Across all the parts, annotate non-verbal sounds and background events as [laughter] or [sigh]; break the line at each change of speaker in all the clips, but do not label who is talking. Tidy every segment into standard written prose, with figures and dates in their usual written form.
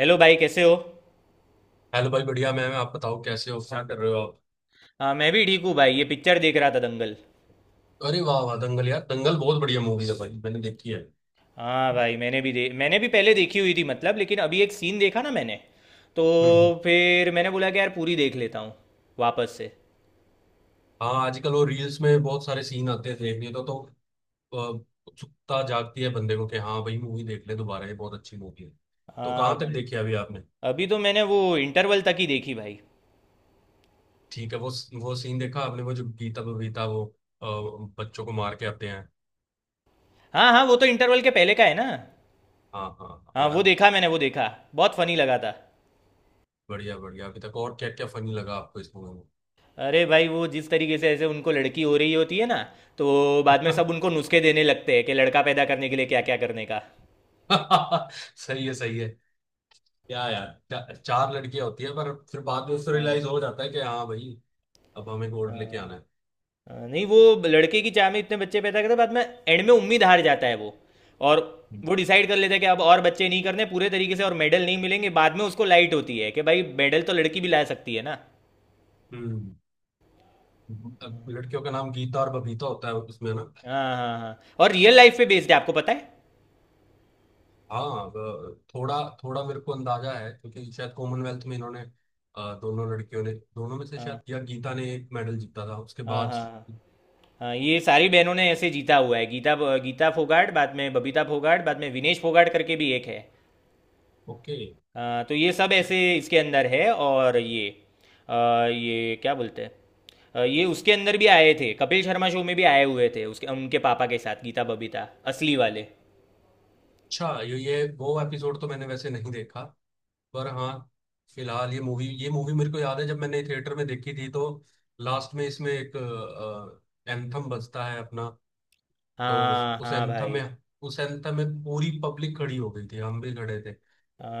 Hello भाई, कैसे हो।
हेलो भाई, बढ़िया मैम। आप बताओ कैसे हो, क्या कर रहे हो आप।
हाँ, मैं भी ठीक हूँ भाई। ये पिक्चर देख रहा था, दंगल।
अरे वाह वाह, दंगल, यार दंगल बहुत बढ़िया मूवी है भाई, मैंने देखी है।
हाँ भाई, मैंने भी पहले देखी हुई थी मतलब। लेकिन अभी एक सीन देखा ना मैंने, तो
हम्म हम्म।
फिर मैंने बोला कि यार पूरी देख लेता हूँ वापस से।
हाँ आजकल वो रील्स में बहुत सारे सीन आते हैं देखने तो अ, उत्सुकता जागती है बंदे को कि हाँ भाई मूवी देख ले दोबारा, ये बहुत अच्छी मूवी है। तो
हाँ
कहाँ तक
भाई,
देखी अभी आपने।
अभी तो मैंने वो इंटरवल तक ही देखी भाई।
ठीक है। वो सीन देखा आपने, वो जो गीता बबीता वो अ, बच्चों को मार के आते हैं।
हाँ हाँ, वो तो इंटरवल के पहले का है ना।
हाँ हाँ हाँ,
हाँ, वो
यार
देखा मैंने, वो देखा। बहुत फनी लगा था।
बढ़िया बढ़िया। अभी तक और क्या क्या फनी लगा आपको इस मूवी
अरे भाई, वो जिस तरीके से ऐसे उनको लड़की हो रही होती है ना, तो बाद में
में।
सब उनको नुस्खे देने लगते हैं कि लड़का पैदा करने के लिए क्या क्या करने का।
[laughs] सही है सही है। क्या यार, चार लड़कियां होती है, पर फिर बाद में उससे रियलाइज
हाँ,
हो जाता है कि हाँ भाई अब हमें गोल्ड लेके
हाँ।
आना है।
हाँ, नहीं वो लड़के की चाह में इतने बच्चे पैदा करते बाद में, एंड में उम्मीद हार जाता है वो। और
हम्म।
वो डिसाइड कर लेता है कि अब और बच्चे नहीं करने पूरे तरीके से और मेडल नहीं मिलेंगे। बाद में उसको लाइट होती है कि भाई मेडल तो लड़की भी ला सकती है ना।
हम्म। अब लड़कियों का नाम गीता और बबीता होता है उसमें ना।
हाँ हाँ हाँ, और रियल लाइफ पे बेस्ड है। आपको पता है।
हाँ, अब थोड़ा थोड़ा मेरे को अंदाजा है क्योंकि शायद कॉमनवेल्थ में इन्होंने दोनों लड़कियों ने, दोनों में से
हाँ
शायद या गीता ने एक मेडल जीता था उसके
हाँ
बाद।
हाँ हाँ हाँ, ये सारी बहनों ने ऐसे जीता हुआ है। गीता, गीता फोगाट, बाद में बबीता फोगाट, बाद में विनेश फोगाट करके भी एक है।
ओके।
हाँ, तो ये सब ऐसे इसके अंदर है। और ये अ, ये क्या बोलते हैं, ये उसके अंदर भी आए थे। कपिल शर्मा शो में भी आए हुए थे उसके उनके पापा के साथ, गीता बबीता, असली वाले।
अच्छा, ये वो एपिसोड तो मैंने वैसे नहीं देखा, पर हाँ, फिलहाल ये मूवी मेरे को याद है, जब मैंने थिएटर में देखी थी तो लास्ट में इसमें एक एंथम बजता है अपना। तो उस
हाँ
उस
हाँ
एंथम
भाई।
में उस एंथम में पूरी पब्लिक खड़ी हो गई थी, हम भी खड़े थे।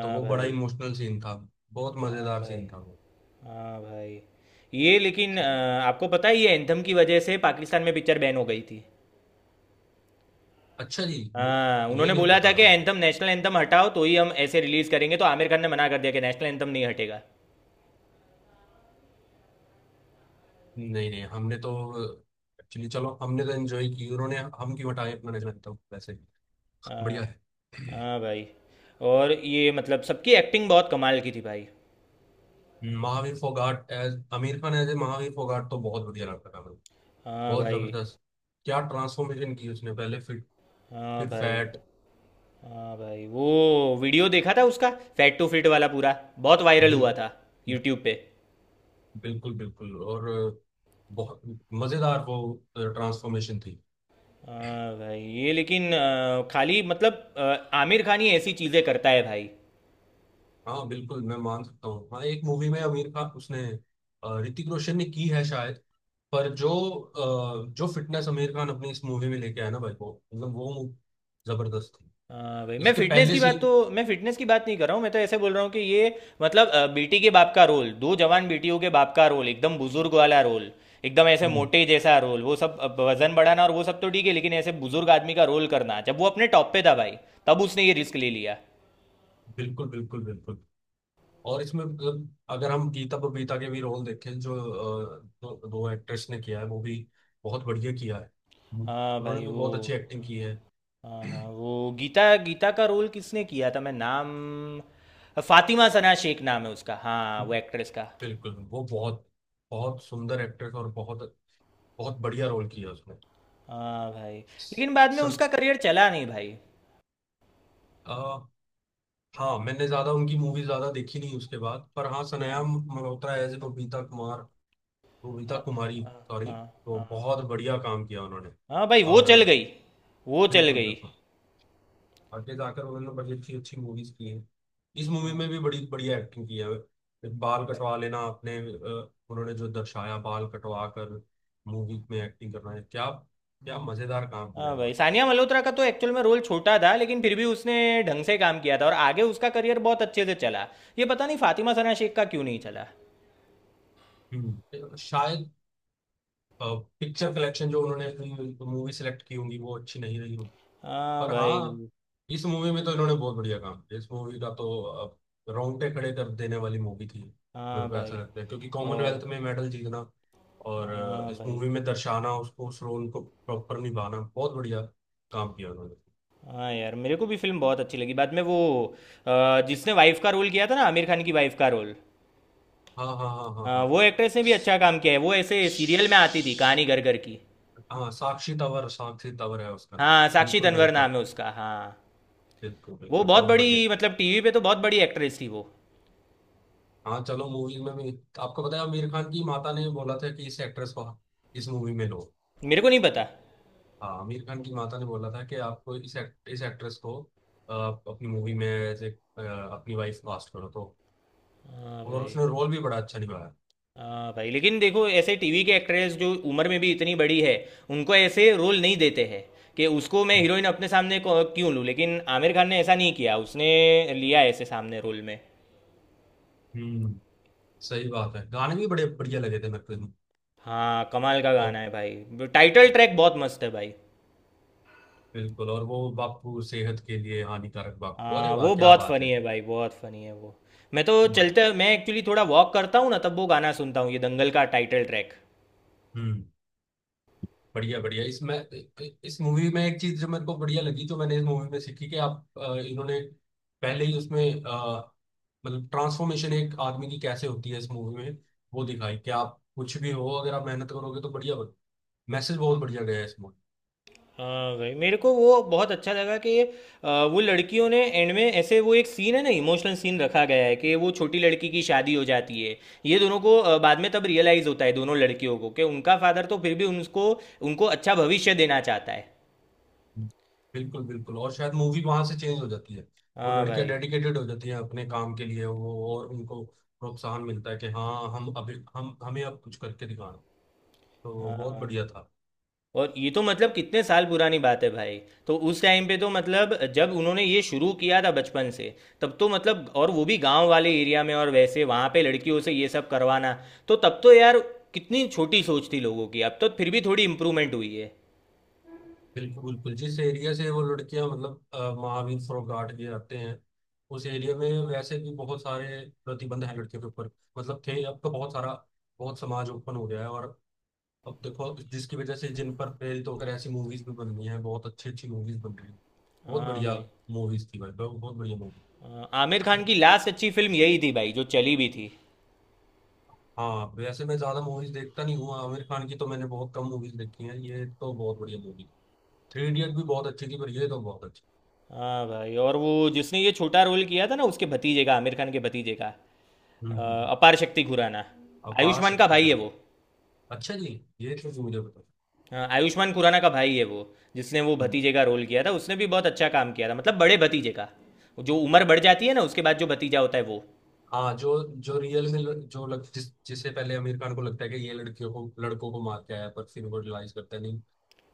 तो वो बड़ा
भाई।
इमोशनल सीन था, बहुत
हाँ
मजेदार
भाई।
सीन था वो।
हाँ भाई, ये लेकिन आपको पता है, ये एंथम की वजह से पाकिस्तान में पिक्चर बैन हो गई थी।
अच्छा जी।
हाँ,
ये
उन्होंने
नहीं
बोला था
पता
कि
था मुझे।
एंथम नेशनल एंथम हटाओ तो ही हम ऐसे रिलीज करेंगे। तो आमिर खान ने मना कर दिया कि नेशनल एंथम नहीं हटेगा।
नहीं नहीं, हमने तो एक्चुअली, चलो हमने तो एंजॉय की। उन्होंने, हम क्यों हटाए अपना नजर तो वैसे
हाँ
बढ़िया है।
हाँ भाई। और ये मतलब सबकी एक्टिंग बहुत कमाल की थी भाई।
[clears throat] Mahavir Phogat as Aamir Khan, as a Mahavir Phogat तो बहुत बढ़िया लगता था।
हाँ
बहुत
भाई।
जबरदस्त। क्या ट्रांसफॉर्मेशन की उसने, पहले फिट,
हाँ
फिर
भाई।
फैट।
हाँ भाई, वो वीडियो देखा था उसका, फैट टू फिट वाला पूरा। बहुत वायरल
बिल
हुआ था यूट्यूब पे।
बिल्कुल बिल्कुल, और बहुत मजेदार वो ट्रांसफॉर्मेशन थी।
हाँ भाई, ये लेकिन खाली मतलब आमिर खान ही ऐसी चीज़ें करता है भाई।
हाँ बिल्कुल, मैं मान सकता हूँ। हाँ, एक मूवी में आमिर खान, उसने, ऋतिक रोशन ने की है शायद, पर जो जो फिटनेस आमिर खान अपनी इस मूवी में लेके आया ना भाई, वो मतलब जबरदस्त थी।
हाँ भाई,
इसके पहले सीन।
मैं फिटनेस की बात नहीं कर रहा हूँ। मैं तो ऐसे बोल रहा हूँ कि ये मतलब बेटी के बाप का रोल, दो जवान बेटियों के बाप का रोल, एकदम बुजुर्ग वाला रोल, एकदम ऐसे
हम्म।
मोटे जैसा रोल, वो सब वजन बढ़ाना और वो सब तो ठीक है। लेकिन ऐसे बुजुर्ग आदमी का रोल करना जब वो अपने टॉप पे था भाई, तब उसने ये रिस्क ले लिया।
बिल्कुल बिल्कुल बिल्कुल। और इसमें मतलब अगर हम गीता बबीता के भी रोल देखें, जो दो एक्ट्रेस ने किया है, वो भी बहुत बढ़िया किया है। हम्म।
हाँ
उन्होंने
भाई
भी
वो।
बहुत अच्छी एक्टिंग की है।
हाँ हाँ,
[clears throat]
वो गीता गीता का रोल किसने किया था, मैं नाम। फातिमा सना शेख नाम है उसका हाँ, वो एक्ट्रेस का।
बिल्कुल, वो बहुत बहुत सुंदर एक्ट्रेस, और बहुत बहुत बढ़िया रोल किया उसने।
हाँ भाई,
स-
लेकिन बाद में
सन
उसका करियर चला नहीं भाई।
आ, हाँ मैंने ज्यादा उनकी मूवी ज्यादा देखी नहीं उसके बाद, पर हाँ सनाया मल्होत्रा एज बबीता कुमार, बबीता
हाँ
कुमारी,
हाँ
सॉरी।
हाँ
तो
हाँ,
बहुत बढ़िया काम किया उन्होंने।
हाँ भाई, वो
और
चल गई, वो चल
बिल्कुल
गई।
बिल्कुल, आगे जाकर उन्होंने तो बड़ी अच्छी अच्छी मूवीज की हैं। इस मूवी में भी बड़ी बढ़िया एक्टिंग की है, बाल कटवा लेना, अपने उन्होंने जो दर्शाया बाल कटवा कर मूवी में एक्टिंग करना है, क्या क्या मजेदार काम किया है
हाँ भाई,
उन्होंने।
सानिया मल्होत्रा का तो एक्चुअल में रोल छोटा था, लेकिन फिर भी उसने ढंग से काम किया था और आगे उसका करियर बहुत अच्छे से चला। ये पता नहीं फातिमा सना शेख का क्यों नहीं चला।
हम्म। शायद पिक्चर कलेक्शन जो उन्होंने अपनी मूवी सेलेक्ट की होंगी वो अच्छी नहीं रही।
हाँ
पर हाँ,
भाई।
इस मूवी में तो इन्होंने बहुत बढ़िया काम किया। इस मूवी का तो अब रोंगटे खड़े कर देने वाली मूवी थी। मेरे
हाँ
को ऐसा
भाई।
लगता है क्योंकि
और
कॉमनवेल्थ में मेडल जीतना और
हाँ
इस
भाई।
मूवी में दर्शाना, उसको, उस रोल को प्रॉपर निभाना, बहुत बढ़िया काम किया उन्होंने।
हाँ यार, मेरे को भी फिल्म बहुत अच्छी लगी। बाद में वो जिसने वाइफ का रोल किया था ना, आमिर खान की वाइफ का रोल,
हाँ हाँ हाँ हाँ हाँ।
वो एक्ट्रेस ने भी अच्छा काम किया है। वो ऐसे सीरियल में आती थी, कहानी घर घर की।
हाँ, साक्षी तंवर है उसका नाम,
हाँ, साक्षी
बिल्कुल
तन्वर
बिल्कुल।
नाम है उसका हाँ।
बिल्कुल
वो
बिल्कुल,
बहुत
बहुत बढ़िया।
बड़ी, मतलब टीवी पे तो बहुत बड़ी एक्ट्रेस थी वो।
हाँ चलो, मूवीज में भी। आपको पता है आमिर खान की माता ने बोला था कि इस एक्ट्रेस को इस मूवी में लो।
मेरे को नहीं पता।
हाँ आमिर खान की माता ने बोला था कि आपको इस एक्ट्रेस को आप अपनी मूवी में एज ए अपनी वाइफ कास्ट करो तो।
हाँ
और
भाई।
उसने रोल भी बड़ा अच्छा निभाया।
हाँ भाई, लेकिन देखो ऐसे टीवी के एक्ट्रेस जो उम्र में भी इतनी बड़ी है, उनको ऐसे रोल नहीं देते हैं कि उसको मैं हीरोइन अपने सामने क्यों लूँ। लेकिन आमिर खान ने ऐसा नहीं किया, उसने लिया ऐसे सामने रोल में।
हम्म, सही बात है। गाने भी बड़े बढ़िया लगे थे मेरे को इसमें।
हाँ, कमाल का गाना
और
है भाई, टाइटल
और
ट्रैक। बहुत मस्त है भाई।
बिल्कुल, और वो बापू सेहत के लिए हानिकारक बापू, अरे
हाँ,
वाह
वो
क्या
बहुत
बात
फनी
है।
है भाई, बहुत फनी है वो। मैं तो
उम्र।
चलते मैं एक्चुअली थोड़ा वॉक करता हूँ ना, तब वो गाना सुनता हूँ, ये दंगल का टाइटल ट्रैक।
हम्म। बढ़िया बढ़िया। इसमें, इस मूवी में एक चीज जो मेरे को बढ़िया लगी, तो मैंने इस मूवी में सीखी कि आप, इन्होंने पहले ही उसमें मतलब ट्रांसफॉर्मेशन एक आदमी की कैसे होती है इस मूवी में वो दिखाई, कि आप कुछ भी हो अगर आप मेहनत करोगे तो बढ़िया। मैसेज बहुत बढ़िया गया है इस मूवी।
हाँ भाई, मेरे को वो बहुत अच्छा लगा कि वो लड़कियों ने एंड में ऐसे, वो एक सीन है ना, इमोशनल सीन रखा गया है, कि वो छोटी लड़की की शादी हो जाती है। ये दोनों को बाद में तब रियलाइज़ होता है दोनों लड़कियों को कि उनका फादर तो फिर भी उनको उनको अच्छा भविष्य देना चाहता है।
बिल्कुल बिल्कुल, और शायद मूवी वहां से चेंज हो जाती है। वो
हाँ
लड़कियां
भाई।
डेडिकेटेड हो जाती हैं अपने काम के लिए, वो, और उनको प्रोत्साहन मिलता है कि हाँ हम, अभी हम हमें अब कुछ करके दिखाना, तो बहुत
हाँ,
बढ़िया था।
और ये तो मतलब कितने साल पुरानी बात है भाई। तो उस टाइम पे तो मतलब जब उन्होंने ये शुरू किया था बचपन से, तब तो मतलब, और वो भी गांव वाले एरिया में, और वैसे वहाँ पे लड़कियों से ये सब करवाना, तो तब तो यार, कितनी छोटी सोच थी लोगों की। अब तो फिर भी थोड़ी इम्प्रूवमेंट हुई है।
बिल्कुल बिल्कुल, जिस एरिया से वो लड़कियां, मतलब महावीर फोगाट के आते हैं, उस एरिया में वैसे भी बहुत सारे प्रतिबंध हैं लड़कियों के ऊपर। मतलब थे, अब तो बहुत सारा, बहुत समाज ओपन हो गया है। और अब देखो, जिसकी वजह से, जिन पर प्रेरित होकर ऐसी मूवीज भी बन रही हैं, बहुत अच्छी अच्छी मूवीज बन रही हैं। बहुत
हाँ
बढ़िया
भाई।
मूवीज थी भाई, बहुत बहुत बढ़िया मूवी।
हाँ, आमिर खान की लास्ट अच्छी फिल्म यही थी भाई, जो चली भी थी।
हाँ वैसे मैं ज्यादा मूवीज देखता नहीं हूँ आमिर खान की, तो मैंने बहुत कम मूवीज देखी हैं, ये तो बहुत बढ़िया मूवी। थ्री इडियट भी बहुत अच्छी थी, पर ये तो बहुत अच्छी।
हाँ भाई, और वो जिसने ये छोटा रोल किया था ना, उसके भतीजे का, आमिर खान के भतीजे का, अ,
हम्म हम्म हम्म।
अपार शक्ति खुराना,
अपार
आयुष्मान का
शक्ति।
भाई है वो।
अच्छा जी, ये चीज मुझे पता।
हाँ, आयुष्मान खुराना का भाई है वो। जिसने वो
हम्म।
भतीजे का रोल किया था, उसने भी बहुत अच्छा काम किया था, मतलब बड़े भतीजे का, जो उम्र बढ़ जाती है ना उसके बाद जो भतीजा होता है वो।
हाँ जो, जो रियल में ल- जो लग, जिस, जिसे पहले आमिर खान को लगता है कि ये लड़कियों को, लड़कों को मार के आया, पर फिर वो रियलाइज करता है नहीं,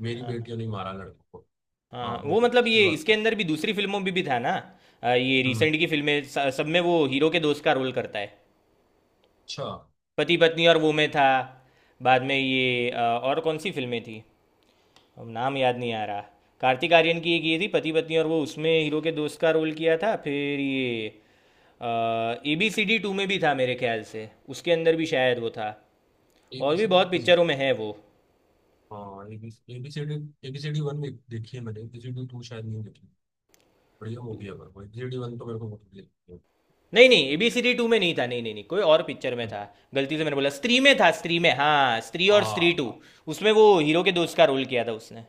मेरी
हाँ
बेटियों ने मारा लड़कों को। हाँ
हाँ,
वो
वो मतलब
उसकी
ये
बात
इसके
है।
अंदर भी, दूसरी फिल्मों में भी था ना, ये
हम्म।
रिसेंट की फिल्में सब में वो हीरो के दोस्त का रोल करता है।
अच्छा।
पति पत्नी और वो में था। बाद में ये और कौन सी फिल्में थी, अब नाम याद नहीं आ रहा। कार्तिक आर्यन की एक ये थी, पति पत्नी और वो, उसमें हीरो के दोस्त का रोल किया था। फिर ये ABCD 2 में भी था मेरे ख्याल से, उसके अंदर भी शायद वो था। और भी बहुत
एबीसीडी पूरी।
पिक्चरों में है वो।
हाँ एबीसीडी, एबीसीडी वन में देखी है मैंने, एबीसीडी टू शायद नहीं देखी। बढ़िया मूवी है, पर वो एबीसीडी वन तो मेरे को बहुत बढ़िया लगती है।
नहीं नहीं, ABCD 2 में नहीं था। नहीं नहीं नहीं, कोई और पिक्चर में
हम्म।
था। गलती से मैंने बोला। स्त्री में था, स्त्री में। हाँ, स्त्री और
हाँ
स्त्री 2,
हाँ
उसमें वो हीरो के दोस्त का रोल किया था उसने।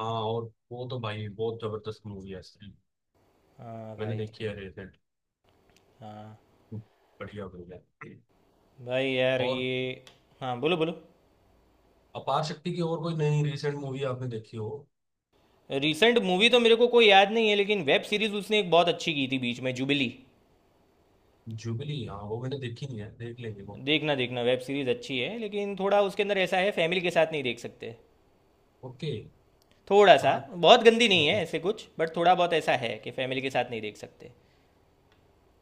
हाँ। और वो तो भाई बहुत जबरदस्त मूवी है,
हाँ
मैंने
भाई।
देखी है रिसेंट।
हाँ
बढ़िया बढ़िया।
भाई यार
और
ये। हाँ, बोलो बोलो।
अपार शक्ति की और कोई नई रिसेंट मूवी आपने देखी हो।
रिसेंट मूवी तो मेरे को कोई याद नहीं है, लेकिन वेब सीरीज उसने एक बहुत अच्छी की थी बीच में, जुबिली।
जुबली, हाँ वो मैंने देखी नहीं है, देख लेंगे वो।
देखना देखना, वेब सीरीज अच्छी है, लेकिन थोड़ा उसके अंदर ऐसा है, फैमिली के साथ नहीं देख सकते।
ओके।
थोड़ा सा,
हाँ।
बहुत गंदी नहीं है
हम्म।
ऐसे कुछ, बट थोड़ा बहुत ऐसा है कि फैमिली के साथ नहीं देख सकते।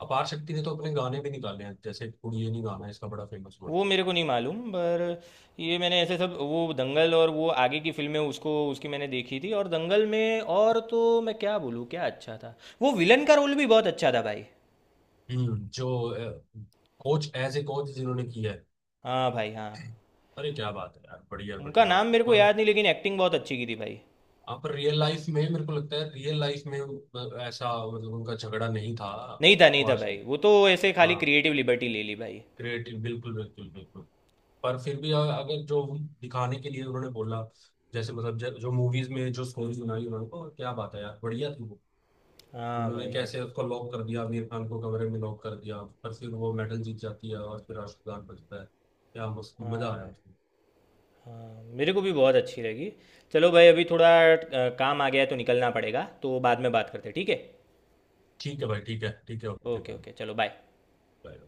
अपार शक्ति ने तो अपने गाने भी निकाले हैं, जैसे कुड़िये नी गाना है इसका, बड़ा फेमस हुआ।
वो मेरे को नहीं मालूम, पर ये मैंने ऐसे सब, वो दंगल और वो आगे की फिल्में उसको उसकी मैंने देखी थी। और दंगल में, और तो मैं क्या बोलूँ क्या अच्छा था। वो विलन का रोल भी बहुत अच्छा था भाई।
हम्म, जो कोच, एज ए कोच जिन्होंने किया है।
हाँ भाई। हाँ,
अरे क्या बात है यार, बढ़िया
उनका
बढ़िया,
नाम मेरे को
मतलब।
याद नहीं लेकिन एक्टिंग बहुत अच्छी की थी भाई।
आप रियल लाइफ में, मेरे को लगता है रियल लाइफ में ऐसा मतलब उनका झगड़ा नहीं था
नहीं था, नहीं था
वास्तव
भाई।
में।
वो तो ऐसे खाली
हाँ
क्रिएटिव लिबर्टी ले ली भाई।
क्रिएटिव, बिल्कुल बिल्कुल बिल्कुल। पर फिर भी अगर जो हम दिखाने के लिए उन्होंने बोला, जैसे मतलब जो मूवीज में जो स्टोरीज बनाई उन्होंने को, क्या बात है यार, बढ़िया थी वो।
हाँ
उन्होंने
भाई। हाँ
कैसे उसको लॉक कर दिया, आमिर खान को कमरे में लॉक कर दिया, पर फिर वो मेडल जीत जाती है और फिर राष्ट्रगान बजता है। क्या मस्त मजा
हाँ
आया
भाई।
उसमें।
हाँ, मेरे को भी बहुत अच्छी लगी। चलो भाई, अभी थोड़ा काम आ गया है, तो निकलना पड़ेगा। तो बाद में बात करते हैं, ठीक है।
ठीक है भाई, ठीक है, ठीक है, ओके
ओके
भाई।
ओके, चलो बाय।
बाय।